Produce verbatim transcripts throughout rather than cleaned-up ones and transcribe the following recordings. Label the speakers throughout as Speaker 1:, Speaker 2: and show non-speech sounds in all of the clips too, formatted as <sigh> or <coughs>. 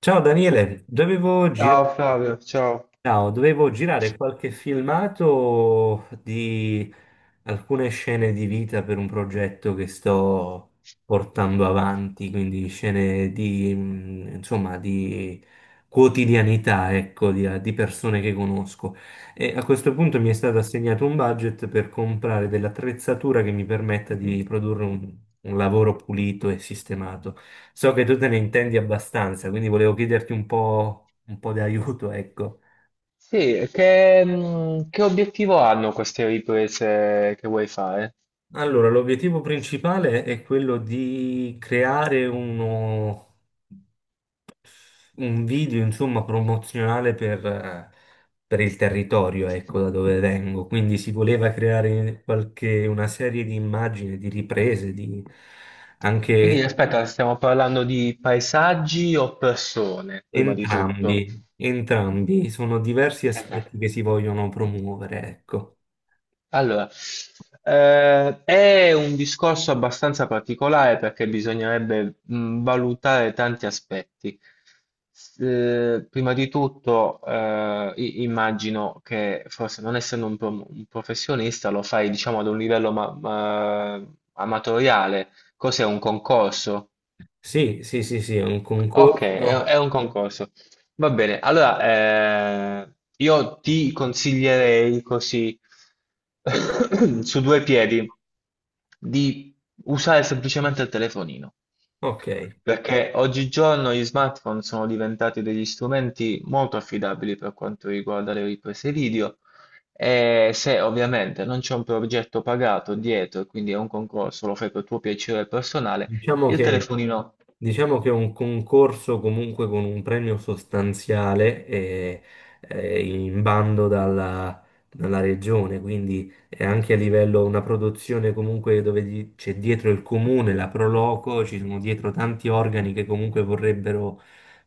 Speaker 1: Ciao Daniele, dovevo. Sì. Girare.
Speaker 2: Ciao Flavio, ciao.
Speaker 1: Ciao, dovevo girare qualche filmato di alcune scene di vita per un progetto che sto portando avanti, quindi scene di, mh, insomma, di quotidianità, ecco, di, eh, di persone che conosco. E a questo punto mi è stato assegnato un budget per comprare dell'attrezzatura che mi permetta di produrre un un lavoro pulito e sistemato. So che tu te ne intendi abbastanza, quindi volevo chiederti un po', un po' di aiuto, ecco.
Speaker 2: Sì, e che, mh, che obiettivo hanno queste riprese che vuoi fare?
Speaker 1: Allora, l'obiettivo principale è quello di creare uno, un video, insomma, promozionale per, eh, per il territorio, ecco, da dove vengo. Quindi si voleva creare qualche, una serie di immagini, di riprese, di.
Speaker 2: Quindi
Speaker 1: Anche
Speaker 2: aspetta, stiamo parlando di paesaggi o persone, prima di tutto?
Speaker 1: entrambi, entrambi. Sono diversi
Speaker 2: Eh beh.
Speaker 1: aspetti che si vogliono promuovere, ecco.
Speaker 2: Allora, eh, è un discorso abbastanza particolare perché bisognerebbe mh, valutare tanti aspetti. S- eh, prima di tutto, eh, i- immagino che forse non essendo un, pro- un professionista lo fai, diciamo, ad un livello ma- ma- amatoriale. Cos'è, un concorso?
Speaker 1: Sì, sì, sì, sì, è un
Speaker 2: Ok, è
Speaker 1: concorso.
Speaker 2: è un concorso. Va bene, allora, eh, io ti consiglierei così <coughs> <clears throat> su due piedi di usare semplicemente il telefonino,
Speaker 1: Ok,
Speaker 2: perché oggigiorno gli smartphone sono diventati degli strumenti molto affidabili per quanto riguarda le riprese video, e se ovviamente non c'è un progetto pagato dietro e quindi è un concorso, lo fai per tuo piacere personale,
Speaker 1: diciamo
Speaker 2: il
Speaker 1: che.
Speaker 2: telefonino.
Speaker 1: Diciamo che è un concorso comunque con un premio sostanziale, eh, eh, in bando dalla, dalla regione, quindi è anche a livello una produzione comunque dove di- c'è dietro il comune, la Proloco, ci sono dietro tanti organi che comunque vorrebbero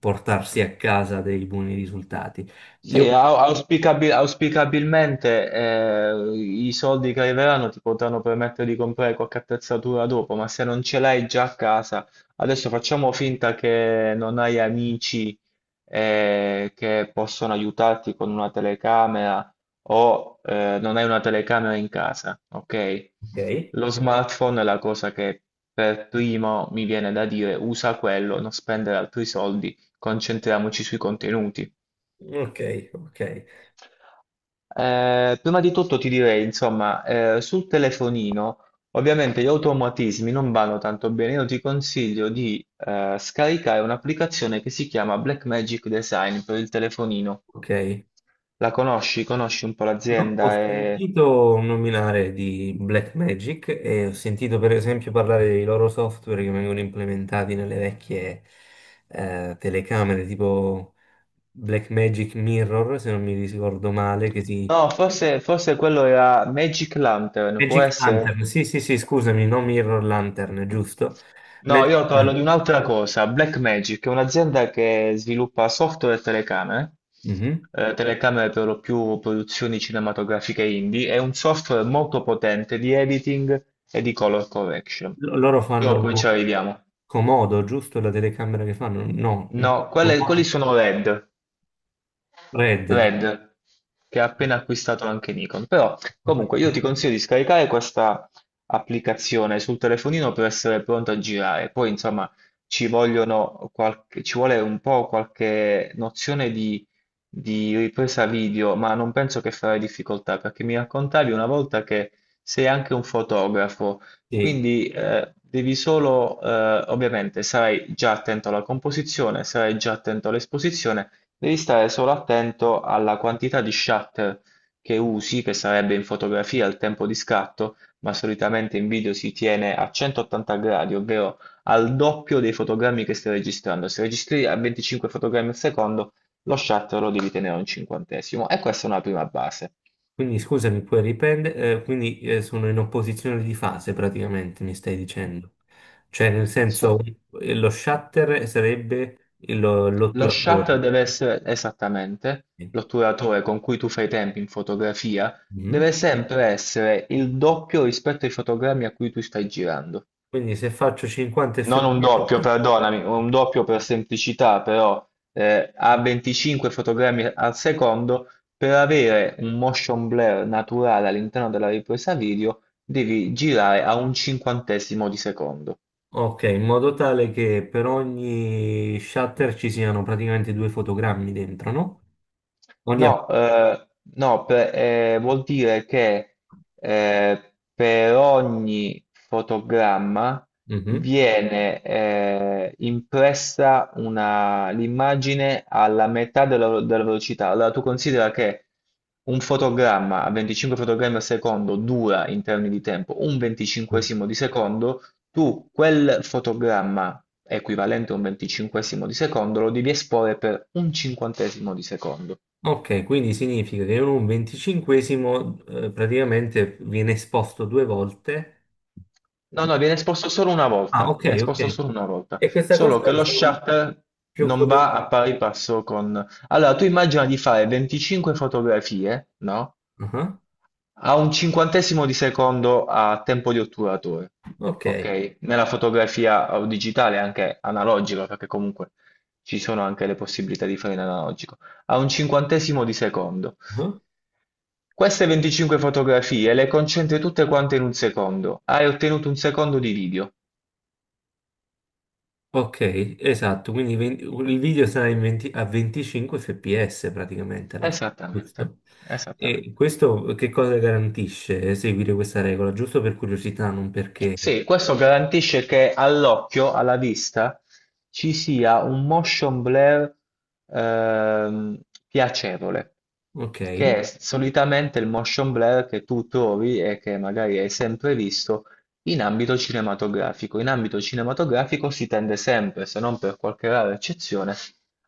Speaker 1: portarsi a casa dei buoni risultati. Io.
Speaker 2: Sì, au- auspicabil- auspicabilmente, eh, i soldi che arriveranno ti potranno permettere di comprare qualche attrezzatura dopo, ma se non ce l'hai già a casa, adesso facciamo finta che non hai amici, eh, che possono aiutarti con una telecamera, o eh, non hai una telecamera in casa, ok?
Speaker 1: Ok,
Speaker 2: Lo smartphone è la cosa che per primo mi viene da dire, usa quello, non spendere altri soldi, concentriamoci sui contenuti.
Speaker 1: ok, ok,
Speaker 2: Eh, prima di tutto ti direi, insomma, eh, sul telefonino, ovviamente gli automatismi non vanno tanto bene. Io ti consiglio di eh, scaricare un'applicazione che si chiama Blackmagic Design per il telefonino.
Speaker 1: ok.
Speaker 2: La conosci? Conosci un po'
Speaker 1: No,
Speaker 2: l'azienda?
Speaker 1: ho
Speaker 2: E...
Speaker 1: sentito nominare di Blackmagic e ho sentito per esempio parlare dei loro software che vengono implementati nelle vecchie eh, telecamere, tipo Blackmagic Mirror, se non mi ricordo male, che si.
Speaker 2: No, forse, forse quello era Magic Lantern, può
Speaker 1: Magic
Speaker 2: essere?
Speaker 1: Lantern, sì, sì, sì, scusami, no Mirror Lantern, giusto?
Speaker 2: No,
Speaker 1: Magic
Speaker 2: io parlo
Speaker 1: Lantern.
Speaker 2: di un'altra cosa. Blackmagic è un'azienda che sviluppa software e telecamere,
Speaker 1: Mhm.
Speaker 2: eh, telecamere per lo più produzioni cinematografiche indie. È un software molto potente di editing e di color correction.
Speaker 1: Lo- Loro
Speaker 2: Però
Speaker 1: fanno
Speaker 2: poi ci arriviamo.
Speaker 1: Comodo, giusto? La telecamera che fanno? No, no,
Speaker 2: No, quelle- quelli
Speaker 1: Comodo
Speaker 2: sono R E D,
Speaker 1: Red.
Speaker 2: Red, che ha appena acquistato anche Nikon. Però, comunque, io ti
Speaker 1: Giusto?
Speaker 2: consiglio di scaricare questa applicazione sul telefonino per essere pronto a girare. Poi, insomma, ci vogliono qualche- ci vuole un po' qualche nozione di, di ripresa video, ma non penso che farai difficoltà, perché mi raccontavi una volta che sei anche un fotografo,
Speaker 1: Sì.
Speaker 2: quindi, eh, devi solo, eh, ovviamente, sarai già attento alla composizione, sarai già attento all'esposizione. Devi stare solo attento alla quantità di shutter che usi, che sarebbe in fotografia il tempo di scatto, ma solitamente in video si tiene a centottanta gradi, ovvero al doppio dei fotogrammi che stai registrando. Se registri a venticinque fotogrammi al secondo, lo shutter lo devi tenere a un cinquantesimo, e questa è una prima base.
Speaker 1: Quindi scusami, puoi riprendere, quindi eh, sono in opposizione di fase praticamente, mi stai dicendo. Cioè, nel senso,
Speaker 2: So-
Speaker 1: eh, lo shutter sarebbe il-
Speaker 2: Lo shutter
Speaker 1: l'otturatore.
Speaker 2: deve essere esattamente l'otturatore con cui tu fai i tempi in fotografia,
Speaker 1: Mhm.
Speaker 2: deve sempre essere il doppio rispetto ai fotogrammi a cui tu stai girando.
Speaker 1: Quindi se faccio cinquanta
Speaker 2: Non un doppio,
Speaker 1: fps,
Speaker 2: perdonami, un doppio per semplicità, però, eh, a venticinque fotogrammi al secondo, per avere un motion blur naturale all'interno della ripresa video, devi girare a un cinquantesimo di secondo.
Speaker 1: ok, in modo tale che per ogni shutter ci siano praticamente due fotogrammi dentro, no? Ogni app-.
Speaker 2: No, eh, no, per- eh, vuol dire che, eh, per ogni fotogramma
Speaker 1: Mhm.
Speaker 2: viene, eh, impressa una- l'immagine alla metà della, della velocità. Allora tu considera che un fotogramma a venticinque fotogrammi al secondo dura in termini di tempo un venticinquesimo di secondo, tu quel fotogramma equivalente a un venticinquesimo di secondo lo devi esporre per un cinquantesimo di secondo.
Speaker 1: Ok, quindi significa che in un venticinquesimo eh, praticamente viene esposto due volte.
Speaker 2: No, no, viene esposto solo una
Speaker 1: Ah,
Speaker 2: volta,
Speaker 1: ok,
Speaker 2: viene
Speaker 1: ok.
Speaker 2: esposto solo una volta,
Speaker 1: E questa cosa
Speaker 2: solo che lo
Speaker 1: c'è un-
Speaker 2: shutter
Speaker 1: più
Speaker 2: non
Speaker 1: quello.
Speaker 2: va a pari passo con... Allora, tu immagina di fare venticinque fotografie, no?
Speaker 1: Ah,
Speaker 2: A un cinquantesimo di secondo a tempo di otturatore,
Speaker 1: ok,
Speaker 2: ok? Nella fotografia, eh, digitale, anche analogica, perché comunque ci sono anche le possibilità di fare in analogico, a un cinquantesimo di secondo.
Speaker 1: ah,
Speaker 2: Queste venticinque fotografie le concentri tutte quante in un secondo, hai ottenuto un secondo di video.
Speaker 1: ok, esatto. Quindi ven- il video sarà in venti a venticinque fps praticamente alla fine,
Speaker 2: Esattamente,
Speaker 1: giusto? E
Speaker 2: esattamente.
Speaker 1: questo che cosa garantisce seguire questa regola? Giusto per curiosità, non perché.
Speaker 2: Sì, questo garantisce che all'occhio, alla vista, ci sia un motion blur ehm, piacevole,
Speaker 1: Ok,
Speaker 2: che è solitamente il motion blur che tu trovi e che magari hai sempre visto in ambito cinematografico. In ambito cinematografico si tende sempre, se non per qualche rara eccezione,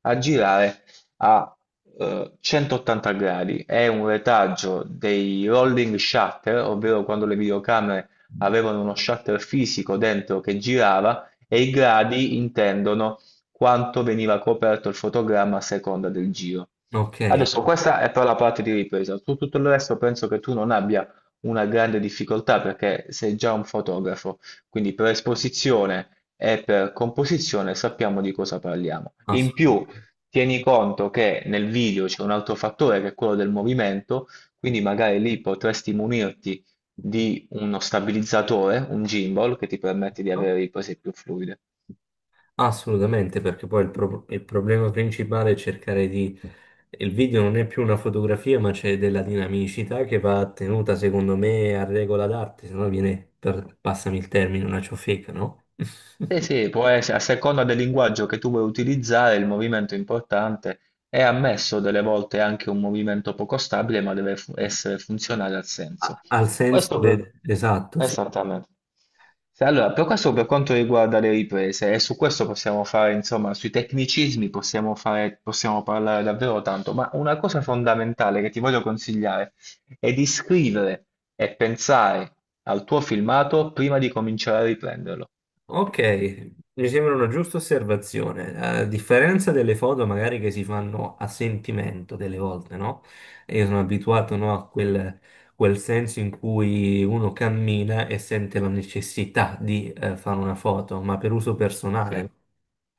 Speaker 2: a girare a eh, centottanta gradi. È un retaggio dei rolling shutter, ovvero quando le videocamere avevano uno shuttle fisico dentro che girava, e i gradi intendono quanto veniva coperto il fotogramma a seconda del giro.
Speaker 1: ok.
Speaker 2: Adesso, questa è per la parte di ripresa, su tutto il resto penso che tu non abbia una grande difficoltà perché sei già un fotografo, quindi per esposizione e per composizione sappiamo di cosa parliamo. In più, tieni conto che nel video c'è un altro fattore, che è quello del movimento, quindi magari lì potresti munirti di uno stabilizzatore, un gimbal, che ti permette di
Speaker 1: Ascolto.
Speaker 2: avere riprese più fluide.
Speaker 1: Assolutamente, perché poi il, pro- il problema principale è cercare di. Il video non è più una fotografia, ma c'è della dinamicità che va tenuta, secondo me, a regola d'arte, se no viene, per- passami il termine, una ciofeca, no?
Speaker 2: Sì, sì,
Speaker 1: <laughs>
Speaker 2: può essere, a seconda del linguaggio che tu vuoi utilizzare, il movimento è importante. È ammesso delle volte anche un movimento poco stabile, ma deve fu- essere funzionale al
Speaker 1: A-
Speaker 2: senso.
Speaker 1: Al senso
Speaker 2: Questo per...
Speaker 1: de- esatto, sì.
Speaker 2: Esattamente. Se- Allora, per questo, per quanto riguarda le riprese, e su questo possiamo fare, insomma, sui tecnicismi possiamo fare, possiamo parlare davvero tanto, ma una cosa fondamentale che ti voglio consigliare è di scrivere e pensare al tuo filmato prima di cominciare a riprenderlo.
Speaker 1: Ok, mi sembra una giusta osservazione. A differenza delle foto magari che si fanno a sentimento delle volte, no? E io sono abituato, no, a quel, quel senso in cui uno cammina e sente la necessità di eh, fare una foto, ma per uso
Speaker 2: Sì,
Speaker 1: personale.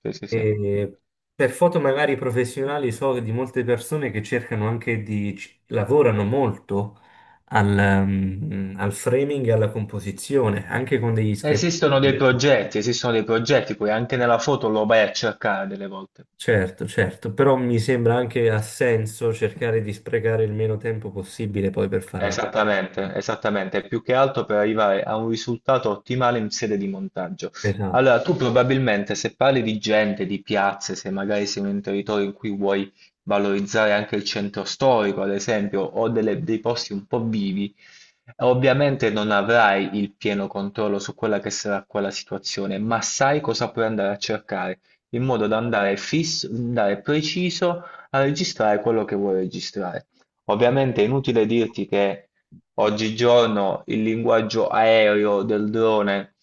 Speaker 2: sì, sì, sì.
Speaker 1: E per foto magari professionali so di molte persone che cercano anche di. Ci- lavorano molto al, mm, al framing e alla composizione, anche con degli sketch.
Speaker 2: Esistono dei progetti, esistono dei progetti, poi anche nella foto lo vai a cercare delle volte.
Speaker 1: Certo, certo, però mi sembra anche ha senso cercare di sprecare il meno tempo possibile poi per fare una.
Speaker 2: Esattamente, esattamente, più che altro per arrivare a un risultato ottimale in sede di montaggio.
Speaker 1: Esatto,
Speaker 2: Allora, tu probabilmente, se parli di gente, di piazze, se magari sei in un territorio in cui vuoi valorizzare anche il centro storico, ad esempio, o delle- dei posti un po' vivi, ovviamente non avrai il pieno controllo su quella che sarà quella situazione, ma sai cosa puoi andare a cercare, in modo da andare fisso, andare preciso a registrare quello che vuoi registrare. Ovviamente è inutile dirti che oggigiorno il linguaggio aereo del drone,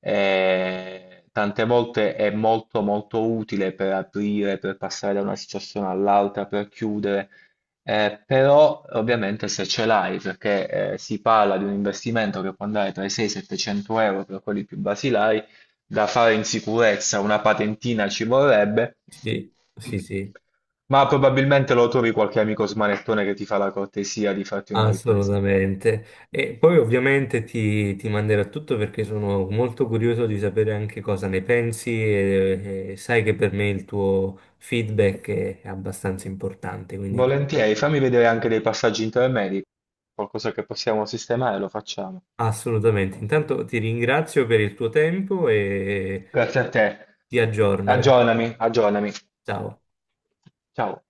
Speaker 2: eh, tante volte è molto molto utile per aprire, per passare da una situazione all'altra, per chiudere, eh, però ovviamente se ce l'hai, perché, eh, si parla di un investimento che può andare tra i seicento e i settecento euro per quelli più basilari, da fare in sicurezza, una patentina ci vorrebbe,
Speaker 1: sì, sì, sì,
Speaker 2: ma probabilmente lo trovi qualche amico smanettone che ti fa la cortesia di farti una ripresa.
Speaker 1: assolutamente. E poi ovviamente ti, ti manderò tutto perché sono molto curioso di sapere anche cosa ne pensi, e, e sai che per me il tuo feedback è è abbastanza importante, quindi
Speaker 2: Volentieri, fammi vedere anche dei passaggi intermedi, qualcosa che possiamo sistemare, lo facciamo.
Speaker 1: assolutamente. Intanto ti ringrazio per il tuo tempo e
Speaker 2: Grazie a te.
Speaker 1: ti aggiorno.
Speaker 2: Aggiornami, aggiornami.
Speaker 1: Ciao.
Speaker 2: Ciao.